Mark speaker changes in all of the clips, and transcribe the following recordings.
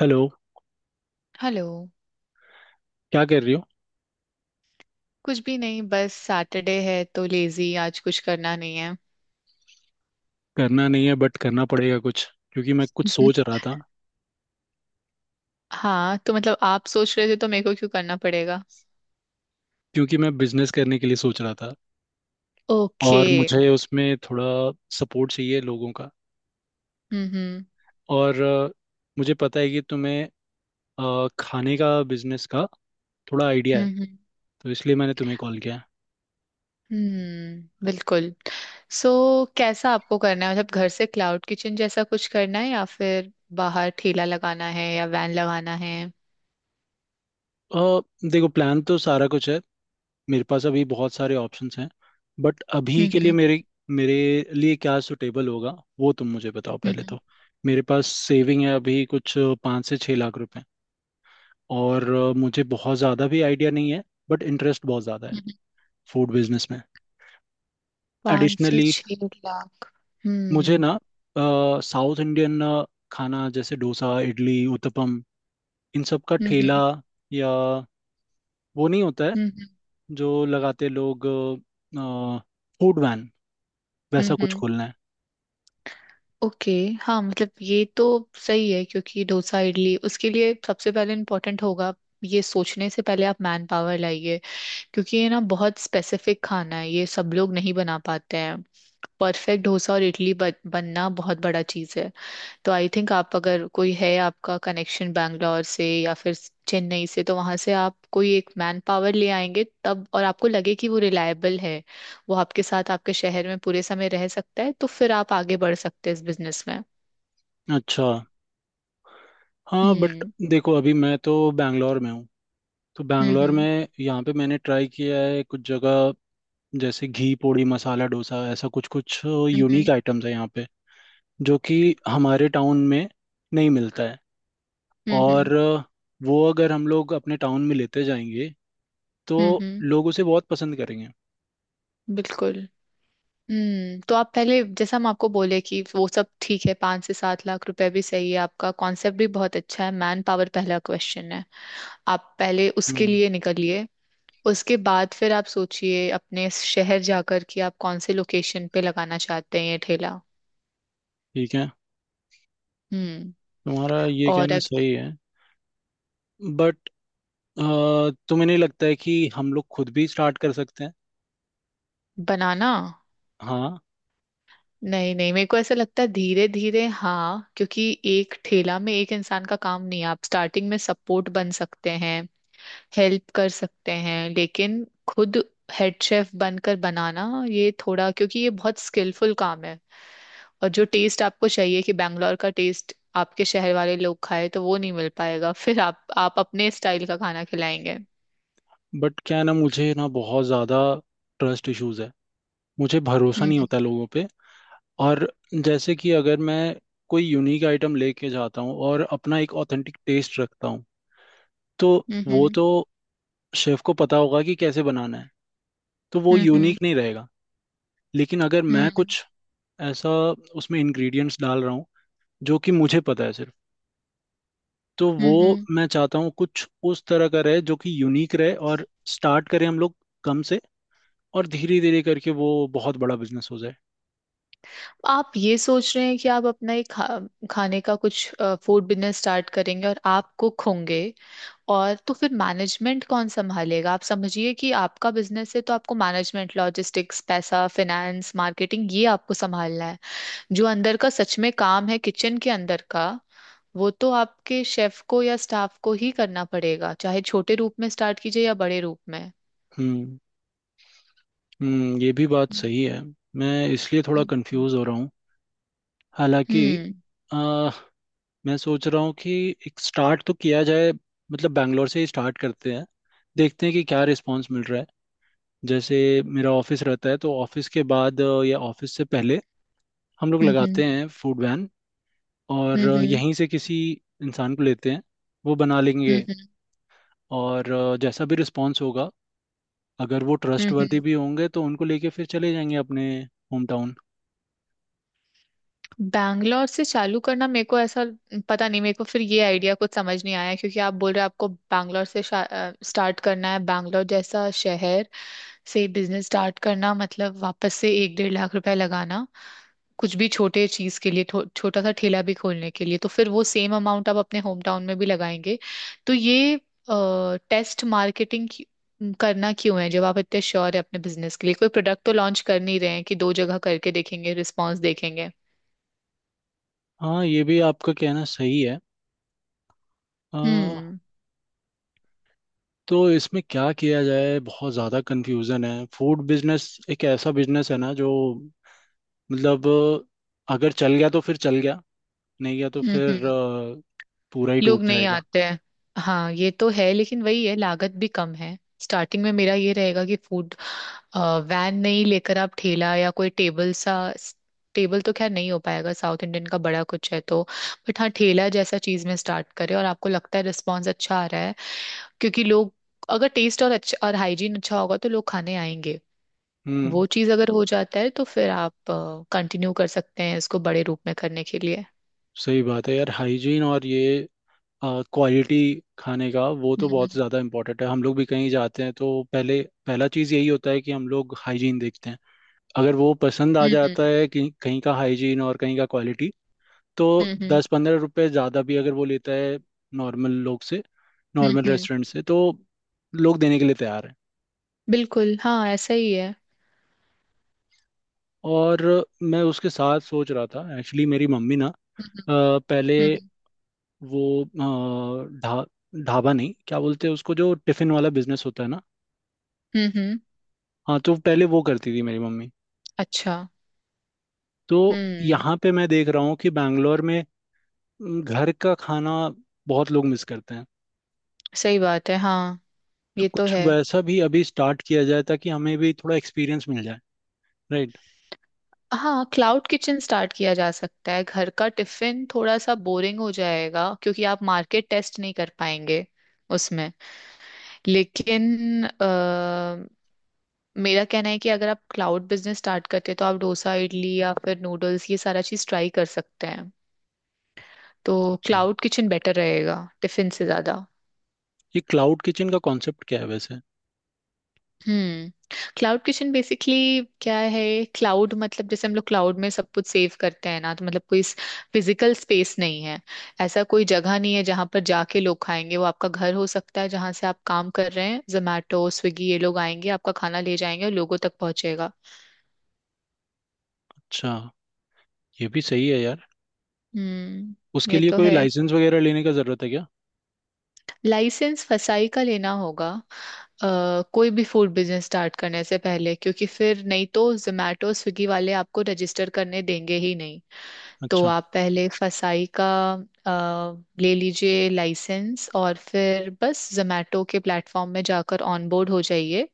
Speaker 1: Hello.
Speaker 2: Hello.
Speaker 1: क्या कर रही हो?
Speaker 2: कुछ भी नहीं, बस सैटरडे है तो लेजी, आज कुछ करना नहीं है।
Speaker 1: करना नहीं है बट करना पड़ेगा कुछ क्योंकि मैं कुछ सोच रहा था।
Speaker 2: हाँ, तो मतलब आप सोच रहे थे तो मेरे को क्यों करना पड़ेगा?
Speaker 1: क्योंकि मैं बिजनेस करने के लिए सोच रहा था
Speaker 2: ओके।
Speaker 1: और मुझे उसमें थोड़ा सपोर्ट चाहिए लोगों का।
Speaker 2: हम्म, हम्म।
Speaker 1: और मुझे पता है कि तुम्हें खाने का बिजनेस का थोड़ा आइडिया है,
Speaker 2: हम्म,
Speaker 1: तो इसलिए मैंने तुम्हें कॉल किया है।
Speaker 2: हम्म, बिल्कुल। सो, कैसा आपको करना है? मतलब घर से क्लाउड किचन जैसा कुछ करना है या फिर बाहर ठेला लगाना है या वैन लगाना है?
Speaker 1: अ, देखो, प्लान तो सारा कुछ है, मेरे पास अभी बहुत सारे ऑप्शंस हैं। बट अभी
Speaker 2: हम्म,
Speaker 1: के लिए
Speaker 2: हम्म।
Speaker 1: मेरे मेरे लिए क्या सुटेबल होगा वो तुम मुझे बताओ पहले
Speaker 2: हम्म,
Speaker 1: तो। मेरे पास सेविंग है अभी कुछ 5 से 6 लाख रुपए। और मुझे बहुत ज़्यादा भी आइडिया नहीं है बट इंटरेस्ट बहुत ज़्यादा है
Speaker 2: हम्म।
Speaker 1: फूड बिजनेस में।
Speaker 2: पाँच से
Speaker 1: एडिशनली
Speaker 2: छह लाख
Speaker 1: मुझे
Speaker 2: हम्म,
Speaker 1: ना साउथ इंडियन खाना जैसे डोसा इडली उत्तपम इन सब का
Speaker 2: हम्म।
Speaker 1: ठेला,
Speaker 2: हम्म,
Speaker 1: या वो नहीं होता है
Speaker 2: हम्म।
Speaker 1: जो लगाते लोग, फूड वैन,
Speaker 2: हम्म,
Speaker 1: वैसा कुछ खोलना है।
Speaker 2: ओके। हाँ, मतलब ये तो सही है, क्योंकि डोसा इडली, उसके लिए सबसे पहले इम्पोर्टेंट होगा, ये सोचने से पहले आप मैन पावर लाइए। क्योंकि ये ना बहुत स्पेसिफिक खाना है, ये सब लोग नहीं बना पाते हैं। परफेक्ट डोसा और इडली बनना बहुत बड़ा चीज़ है। तो आई थिंक आप, अगर कोई है आपका कनेक्शन बैंगलोर से या फिर चेन्नई से, तो वहां से आप कोई एक मैन पावर ले आएंगे, तब और आपको लगे कि वो रिलायबल है, वो आपके साथ आपके शहर में पूरे समय रह सकता है, तो फिर आप आगे बढ़ सकते हैं इस बिजनेस में।
Speaker 1: अच्छा, हाँ बट
Speaker 2: हम्म,
Speaker 1: देखो अभी मैं तो बैंगलोर में हूँ, तो
Speaker 2: हम्म।
Speaker 1: बैंगलोर
Speaker 2: हम्म,
Speaker 1: में यहाँ पे मैंने ट्राई किया है कुछ जगह, जैसे घी पोड़ी मसाला डोसा, ऐसा कुछ कुछ यूनिक
Speaker 2: हम्म।
Speaker 1: आइटम्स है यहाँ पे जो कि हमारे टाउन में नहीं मिलता है।
Speaker 2: हम्म,
Speaker 1: और वो अगर हम लोग अपने टाउन में लेते जाएंगे
Speaker 2: हम्म,
Speaker 1: तो
Speaker 2: हम्म,
Speaker 1: लोग उसे बहुत पसंद करेंगे।
Speaker 2: बिल्कुल। हम्म, तो आप पहले, जैसा हम आपको बोले, कि वो सब ठीक है, 5 से 7 लाख रुपए भी सही है, आपका कॉन्सेप्ट भी बहुत अच्छा है, मैन पावर पहला क्वेश्चन है। आप पहले उसके
Speaker 1: हम्म,
Speaker 2: लिए निकलिए। उसके बाद फिर आप सोचिए, अपने शहर जाकर, कि आप कौन से लोकेशन पे लगाना चाहते हैं ये ठेला।
Speaker 1: ठीक है,
Speaker 2: हम्म।
Speaker 1: तुम्हारा ये
Speaker 2: और
Speaker 1: कहना
Speaker 2: अग-
Speaker 1: सही है, बट तुम्हें नहीं लगता है कि हम लोग खुद भी स्टार्ट कर सकते हैं?
Speaker 2: बनाना?
Speaker 1: हाँ,
Speaker 2: नहीं नहीं, मेरे को ऐसा लगता है, धीरे धीरे हाँ, क्योंकि एक ठेला में एक इंसान का काम नहीं है। आप स्टार्टिंग में सपोर्ट बन सकते हैं, हेल्प कर सकते हैं, लेकिन खुद हेड शेफ बनकर बनाना, ये थोड़ा, क्योंकि ये बहुत स्किलफुल काम है। और जो टेस्ट आपको चाहिए, कि बैंगलोर का टेस्ट आपके शहर वाले लोग खाए, तो वो नहीं मिल पाएगा, फिर आप अपने स्टाइल का खाना खिलाएंगे।
Speaker 1: बट क्या है ना, मुझे ना बहुत ज़्यादा ट्रस्ट इश्यूज है, मुझे भरोसा नहीं
Speaker 2: हम्म,
Speaker 1: होता लोगों पे। और जैसे कि अगर मैं कोई यूनिक आइटम लेके जाता हूँ और अपना एक ऑथेंटिक टेस्ट रखता हूँ, तो
Speaker 2: हम्म।
Speaker 1: वो
Speaker 2: हम्म,
Speaker 1: तो शेफ को पता होगा कि कैसे बनाना है, तो वो
Speaker 2: हम्म। हम्म,
Speaker 1: यूनिक नहीं रहेगा। लेकिन अगर मैं
Speaker 2: हम्म।
Speaker 1: कुछ ऐसा उसमें इंग्रेडिएंट्स डाल रहा हूँ जो कि मुझे पता है सिर्फ, तो वो
Speaker 2: हम्म, हम्म।
Speaker 1: मैं चाहता हूँ कुछ उस तरह का रहे जो कि यूनिक रहे, और स्टार्ट करें हम लोग कम से, और धीरे धीरे करके वो बहुत बड़ा बिजनेस हो जाए।
Speaker 2: आप ये सोच रहे हैं कि आप अपना एक खाने का कुछ, फूड बिजनेस स्टार्ट करेंगे और आप कुक होंगे, और तो फिर मैनेजमेंट कौन संभालेगा? आप समझिए कि आपका बिजनेस है, तो आपको मैनेजमेंट, लॉजिस्टिक्स, पैसा, फाइनेंस, मार्केटिंग, ये आपको संभालना है। जो अंदर का सच में काम है, किचन के अंदर का, वो तो आपके शेफ को या स्टाफ को ही करना पड़ेगा, चाहे छोटे रूप में स्टार्ट कीजिए या बड़े रूप में।
Speaker 1: हम्म हम्म, ये भी बात
Speaker 2: हम्म,
Speaker 1: सही है। मैं इसलिए थोड़ा कंफ्यूज हो रहा हूँ हालांकि।
Speaker 2: हम्म,
Speaker 1: मैं सोच रहा हूँ कि एक स्टार्ट तो किया जाए, मतलब बैंगलोर से ही स्टार्ट करते हैं, देखते हैं कि क्या रिस्पांस मिल रहा है। जैसे मेरा ऑफिस रहता है तो ऑफिस के बाद या ऑफिस से पहले हम लोग
Speaker 2: हम्म,
Speaker 1: लगाते हैं फूड वैन। और
Speaker 2: हम्म। हम्म।
Speaker 1: यहीं से किसी इंसान को लेते हैं, वो बना
Speaker 2: हम्म,
Speaker 1: लेंगे।
Speaker 2: हम्म। हम्म,
Speaker 1: और जैसा भी रिस्पांस होगा, अगर वो
Speaker 2: हम्म।
Speaker 1: ट्रस्टवर्दी
Speaker 2: हम्म।
Speaker 1: भी होंगे तो उनको लेके फिर चले जाएंगे अपने होम टाउन।
Speaker 2: बैंगलोर से चालू करना, मेरे को ऐसा, पता नहीं, मेरे को फिर ये आइडिया कुछ समझ नहीं आया, क्योंकि आप बोल रहे हो आपको बैंगलोर से स्टार्ट करना है। बैंगलोर जैसा शहर से बिजनेस स्टार्ट करना मतलब वापस से एक डेढ़ लाख रुपए लगाना कुछ भी छोटे चीज के लिए, छोटा सा ठेला भी खोलने के लिए, तो फिर वो सेम अमाउंट आप अपने होम टाउन में भी लगाएंगे। तो ये टेस्ट मार्केटिंग करना क्यों है, जब आप इतने श्योर है अपने बिजनेस के लिए? कोई प्रोडक्ट तो लॉन्च कर नहीं रहे हैं कि दो जगह करके देखेंगे, रिस्पॉन्स देखेंगे।
Speaker 1: हाँ, ये भी आपका कहना सही है। अ,
Speaker 2: हम्म,
Speaker 1: तो इसमें क्या किया जाए, बहुत ज़्यादा कंफ्यूजन है। फूड बिजनेस एक ऐसा बिजनेस है ना, जो मतलब अगर चल गया तो फिर चल गया, नहीं गया तो
Speaker 2: हम्म।
Speaker 1: फिर पूरा ही डूब
Speaker 2: लोग नहीं
Speaker 1: जाएगा।
Speaker 2: आते हैं। हाँ, ये तो है, लेकिन वही है, लागत भी कम है। स्टार्टिंग में मेरा ये रहेगा कि फूड वैन नहीं लेकर आप ठेला, या कोई टेबल सा, टेबल तो खैर नहीं हो पाएगा, साउथ इंडियन का बड़ा कुछ है तो, बट हाँ, ठेला जैसा चीज में स्टार्ट करें, और आपको लगता है रिस्पॉन्स अच्छा आ रहा है, क्योंकि लोग, अगर टेस्ट और अच्छा और हाइजीन अच्छा होगा तो लोग खाने आएंगे।
Speaker 1: हम्म,
Speaker 2: वो चीज अगर हो जाता है तो फिर आप कंटिन्यू कर सकते हैं इसको बड़े रूप में करने के लिए।
Speaker 1: सही बात है यार, हाइजीन और ये क्वालिटी खाने का, वो तो
Speaker 2: हम्म,
Speaker 1: बहुत
Speaker 2: हम्म।
Speaker 1: ज़्यादा इम्पोर्टेंट है। हम लोग भी कहीं जाते हैं तो पहले पहला चीज़ यही होता है कि हम लोग हाइजीन देखते हैं। अगर वो पसंद आ
Speaker 2: हम्म,
Speaker 1: जाता है कि कहीं का हाइजीन और कहीं का क्वालिटी, तो
Speaker 2: हम्म, हम्म।
Speaker 1: 10-15 रुपए ज़्यादा भी अगर वो लेता है नॉर्मल लोग से,
Speaker 2: हम्म,
Speaker 1: नॉर्मल
Speaker 2: हम्म।
Speaker 1: रेस्टोरेंट से, तो लोग देने के लिए तैयार हैं।
Speaker 2: बिल्कुल, हाँ, ऐसा ही है।
Speaker 1: और मैं उसके साथ सोच रहा था, एक्चुअली मेरी मम्मी ना
Speaker 2: हम्म,
Speaker 1: पहले
Speaker 2: हम्म,
Speaker 1: वो अ, ढा ढाबा, नहीं क्या बोलते हैं उसको, जो टिफ़िन वाला बिजनेस होता है ना,
Speaker 2: हम्म।
Speaker 1: हाँ, तो पहले वो करती थी मेरी मम्मी।
Speaker 2: अच्छा।
Speaker 1: तो
Speaker 2: हम्म।
Speaker 1: यहाँ पे मैं देख रहा हूँ कि बैंगलोर में घर का खाना बहुत लोग मिस करते हैं,
Speaker 2: सही बात है, हाँ,
Speaker 1: तो
Speaker 2: ये तो
Speaker 1: कुछ
Speaker 2: है।
Speaker 1: वैसा भी अभी स्टार्ट किया जाए ताकि हमें भी थोड़ा एक्सपीरियंस मिल जाए, राइट?
Speaker 2: हाँ, क्लाउड किचन स्टार्ट किया जा सकता है। घर का टिफिन थोड़ा सा बोरिंग हो जाएगा, क्योंकि आप मार्केट टेस्ट नहीं कर पाएंगे उसमें। लेकिन अ, मेरा कहना है कि अगर आप क्लाउड बिजनेस स्टार्ट करते हैं तो आप डोसा, इडली या फिर नूडल्स, ये सारा चीज ट्राई कर सकते हैं। तो
Speaker 1: अच्छा,
Speaker 2: क्लाउड किचन बेटर रहेगा टिफिन से ज्यादा।
Speaker 1: ये क्लाउड किचन का कॉन्सेप्ट क्या है वैसे?
Speaker 2: हम्म, क्लाउड किचन बेसिकली क्या है? क्लाउड मतलब जैसे हम लोग क्लाउड में सब कुछ सेव करते हैं ना, तो मतलब कोई फिजिकल स्पेस नहीं है, ऐसा कोई जगह नहीं है जहां पर जाके लोग खाएंगे। वो आपका घर हो सकता है, जहां से आप काम कर रहे हैं, जोमैटो स्विगी ये लोग आएंगे, आपका खाना ले जाएंगे और लोगों तक पहुंचेगा।
Speaker 1: अच्छा, ये भी सही है यार।
Speaker 2: हम्म,
Speaker 1: उसके
Speaker 2: ये
Speaker 1: लिए
Speaker 2: तो
Speaker 1: कोई
Speaker 2: है।
Speaker 1: लाइसेंस वगैरह लेने का ज़रूरत है क्या?
Speaker 2: लाइसेंस फसाई का लेना होगा, कोई भी फूड बिजनेस स्टार्ट करने से पहले, क्योंकि फिर नहीं तो जोमैटो स्विगी वाले आपको रजिस्टर करने देंगे ही नहीं। तो
Speaker 1: अच्छा,
Speaker 2: आप पहले फसाई का अ, ले लीजिए लाइसेंस, और फिर बस जोमेटो के प्लेटफॉर्म में जाकर ऑनबोर्ड हो जाइए।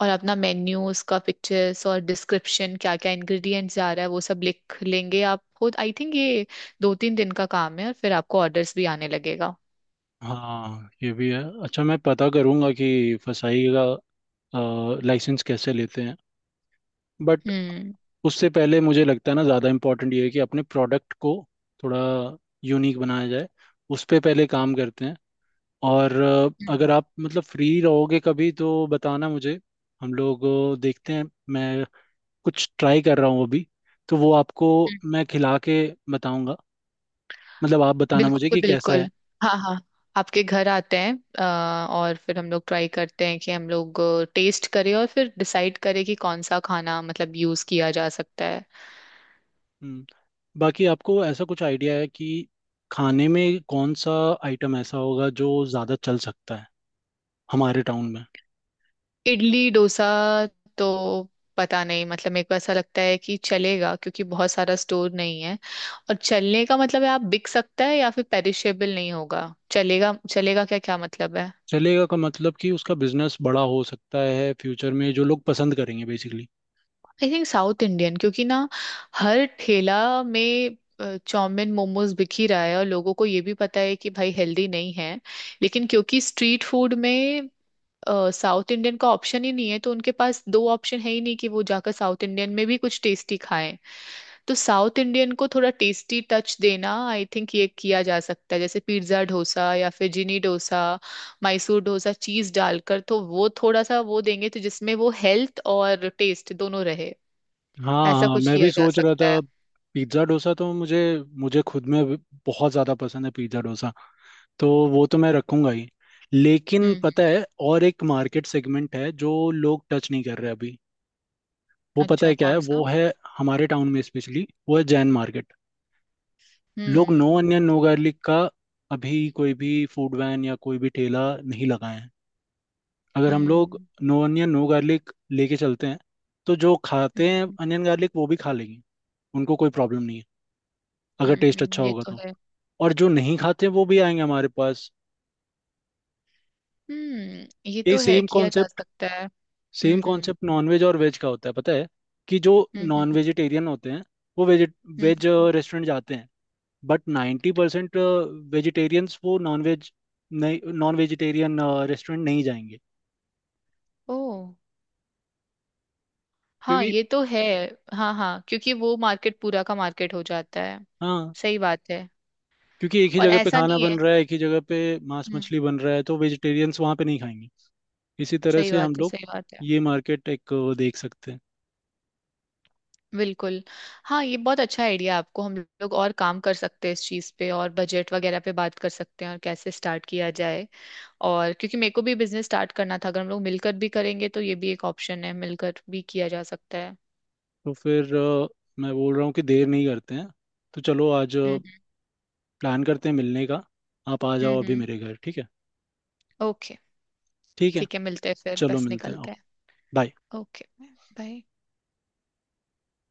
Speaker 2: और अपना मेन्यू, उसका पिक्चर्स और डिस्क्रिप्शन, क्या क्या इंग्रेडिएंट्स जा रहा है, वो सब लिख लेंगे आप खुद। आई थिंक ये 2-3 दिन का काम है और फिर आपको ऑर्डर्स भी आने लगेगा।
Speaker 1: हाँ ये भी है। अच्छा, मैं पता करूँगा कि फसाई का लाइसेंस कैसे लेते हैं। बट
Speaker 2: हम्म,
Speaker 1: उससे पहले मुझे लगता है ना, ज़्यादा इम्पोर्टेंट ये है कि अपने प्रोडक्ट को थोड़ा यूनिक बनाया जाए, उस पर पहले काम करते हैं। और
Speaker 2: हम्म।
Speaker 1: अगर आप मतलब फ्री रहोगे कभी तो बताना मुझे, हम लोग देखते हैं। मैं कुछ ट्राई कर रहा हूँ अभी, तो वो आपको मैं खिला के बताऊंगा, मतलब आप बताना मुझे
Speaker 2: बिल्कुल
Speaker 1: कि कैसा
Speaker 2: बिल्कुल,
Speaker 1: है।
Speaker 2: हाँ हाँ, आपके घर आते हैं, और फिर हम लोग ट्राई करते हैं कि हम लोग टेस्ट करें, और फिर डिसाइड करें कि कौन सा खाना मतलब यूज किया जा सकता है।
Speaker 1: हम्म, बाकी आपको ऐसा कुछ आइडिया है कि खाने में कौन सा आइटम ऐसा होगा जो ज़्यादा चल सकता है हमारे टाउन में?
Speaker 2: इडली डोसा तो, पता नहीं, मतलब मेरे को ऐसा लगता है कि चलेगा, क्योंकि बहुत सारा स्टोर नहीं है। और चलने का मतलब है आप, बिक सकता है या फिर पेरिशेबल नहीं होगा? चलेगा, चलेगा क्या क्या मतलब है?
Speaker 1: चलेगा का मतलब कि उसका बिजनेस बड़ा हो सकता है फ्यूचर में, जो लोग पसंद करेंगे basically.
Speaker 2: I think south Indian, क्योंकि ना हर ठेला में चाउमीन मोमोज बिक ही रहा है, और लोगों को ये भी पता है कि भाई हेल्दी नहीं है, लेकिन क्योंकि स्ट्रीट फूड में साउथ इंडियन का ऑप्शन ही नहीं है, तो उनके पास दो ऑप्शन है ही नहीं कि वो जाकर साउथ इंडियन में भी कुछ टेस्टी खाएं। तो साउथ इंडियन को थोड़ा टेस्टी टच देना, आई थिंक ये किया जा सकता है, जैसे पिज्ज़ा डोसा या फिर जिनी डोसा, मैसूर डोसा चीज डालकर, तो वो थोड़ा सा वो देंगे, तो जिसमें वो हेल्थ और टेस्ट दोनों रहे।
Speaker 1: हाँ
Speaker 2: ऐसा
Speaker 1: हाँ,
Speaker 2: कुछ
Speaker 1: मैं भी
Speaker 2: किया जा
Speaker 1: सोच रहा
Speaker 2: सकता है।
Speaker 1: था पिज्ज़ा डोसा, तो मुझे मुझे खुद में बहुत ज़्यादा पसंद है पिज्ज़ा डोसा, तो वो तो मैं रखूंगा ही। लेकिन
Speaker 2: हम्म, हम्म।
Speaker 1: पता है, और एक मार्केट सेगमेंट है जो लोग टच नहीं कर रहे अभी, वो पता
Speaker 2: अच्छा,
Speaker 1: है क्या है,
Speaker 2: कौन सा?
Speaker 1: वो है हमारे टाउन में, स्पेशली वो है जैन मार्केट। लोग no
Speaker 2: hmm,
Speaker 1: onion no garlic का अभी कोई भी फूड वैन या कोई भी ठेला नहीं लगाए हैं। अगर हम लोग
Speaker 2: हम्म।
Speaker 1: नो अनियन नो गार्लिक लेके चलते हैं, तो जो खाते हैं
Speaker 2: हम्म,
Speaker 1: अनियन गार्लिक वो भी खा लेंगे, उनको कोई प्रॉब्लम नहीं है अगर
Speaker 2: हम्म।
Speaker 1: टेस्ट अच्छा
Speaker 2: ये
Speaker 1: होगा
Speaker 2: तो
Speaker 1: तो।
Speaker 2: है।
Speaker 1: और जो नहीं खाते वो भी आएंगे हमारे पास।
Speaker 2: हम्म, ये
Speaker 1: ये
Speaker 2: तो है,
Speaker 1: सेम
Speaker 2: किया जा
Speaker 1: कॉन्सेप्ट,
Speaker 2: सकता है।
Speaker 1: सेम
Speaker 2: हम्म, हम्म।
Speaker 1: कॉन्सेप्ट नॉनवेज और वेज का होता है पता है, कि जो नॉन
Speaker 2: हम्म,
Speaker 1: वेजिटेरियन होते हैं वो वेज,
Speaker 2: हम्म,
Speaker 1: वेज
Speaker 2: हम्म।
Speaker 1: रेस्टोरेंट जाते हैं, बट 90% वेजिटेरियंस वो नॉन वेज, नहीं, नॉन वेजिटेरियन रेस्टोरेंट नहीं जाएंगे।
Speaker 2: ओ, हाँ,
Speaker 1: क्योंकि,
Speaker 2: ये तो है। हाँ हाँ, क्योंकि वो मार्केट पूरा का मार्केट हो जाता है।
Speaker 1: हाँ
Speaker 2: सही बात है।
Speaker 1: क्योंकि एक ही
Speaker 2: और
Speaker 1: जगह पे
Speaker 2: ऐसा
Speaker 1: खाना
Speaker 2: नहीं है।
Speaker 1: बन रहा है, एक ही जगह पे मांस
Speaker 2: हम्म।
Speaker 1: मछली बन रहा है, तो वेजिटेरियंस वहाँ पे नहीं खाएंगे। इसी तरह
Speaker 2: सही
Speaker 1: से हम
Speaker 2: बात है,
Speaker 1: लोग
Speaker 2: सही बात है।
Speaker 1: ये मार्केट एक देख सकते हैं।
Speaker 2: बिल्कुल। हाँ, ये बहुत अच्छा आइडिया है आपको। हम लोग और काम कर सकते हैं इस चीज़ पे, और बजट वगैरह पे बात कर सकते हैं, और कैसे स्टार्ट किया जाए। और क्योंकि मेरे को भी बिजनेस स्टार्ट करना था, अगर हम लोग मिलकर भी करेंगे तो ये भी एक ऑप्शन है, मिलकर भी किया जा सकता है।
Speaker 1: तो फिर मैं बोल रहा हूँ कि देर नहीं करते हैं, तो चलो आज
Speaker 2: हम्म,
Speaker 1: प्लान करते हैं मिलने का। आप आ
Speaker 2: हम्म,
Speaker 1: जाओ अभी
Speaker 2: हम्म,
Speaker 1: मेरे घर, ठीक है?
Speaker 2: ओके।
Speaker 1: ठीक है,
Speaker 2: ठीक है, मिलते हैं फिर,
Speaker 1: चलो
Speaker 2: बस
Speaker 1: मिलते हैं, आओ,
Speaker 2: निकलते हैं।
Speaker 1: बाय।
Speaker 2: Okay, bye.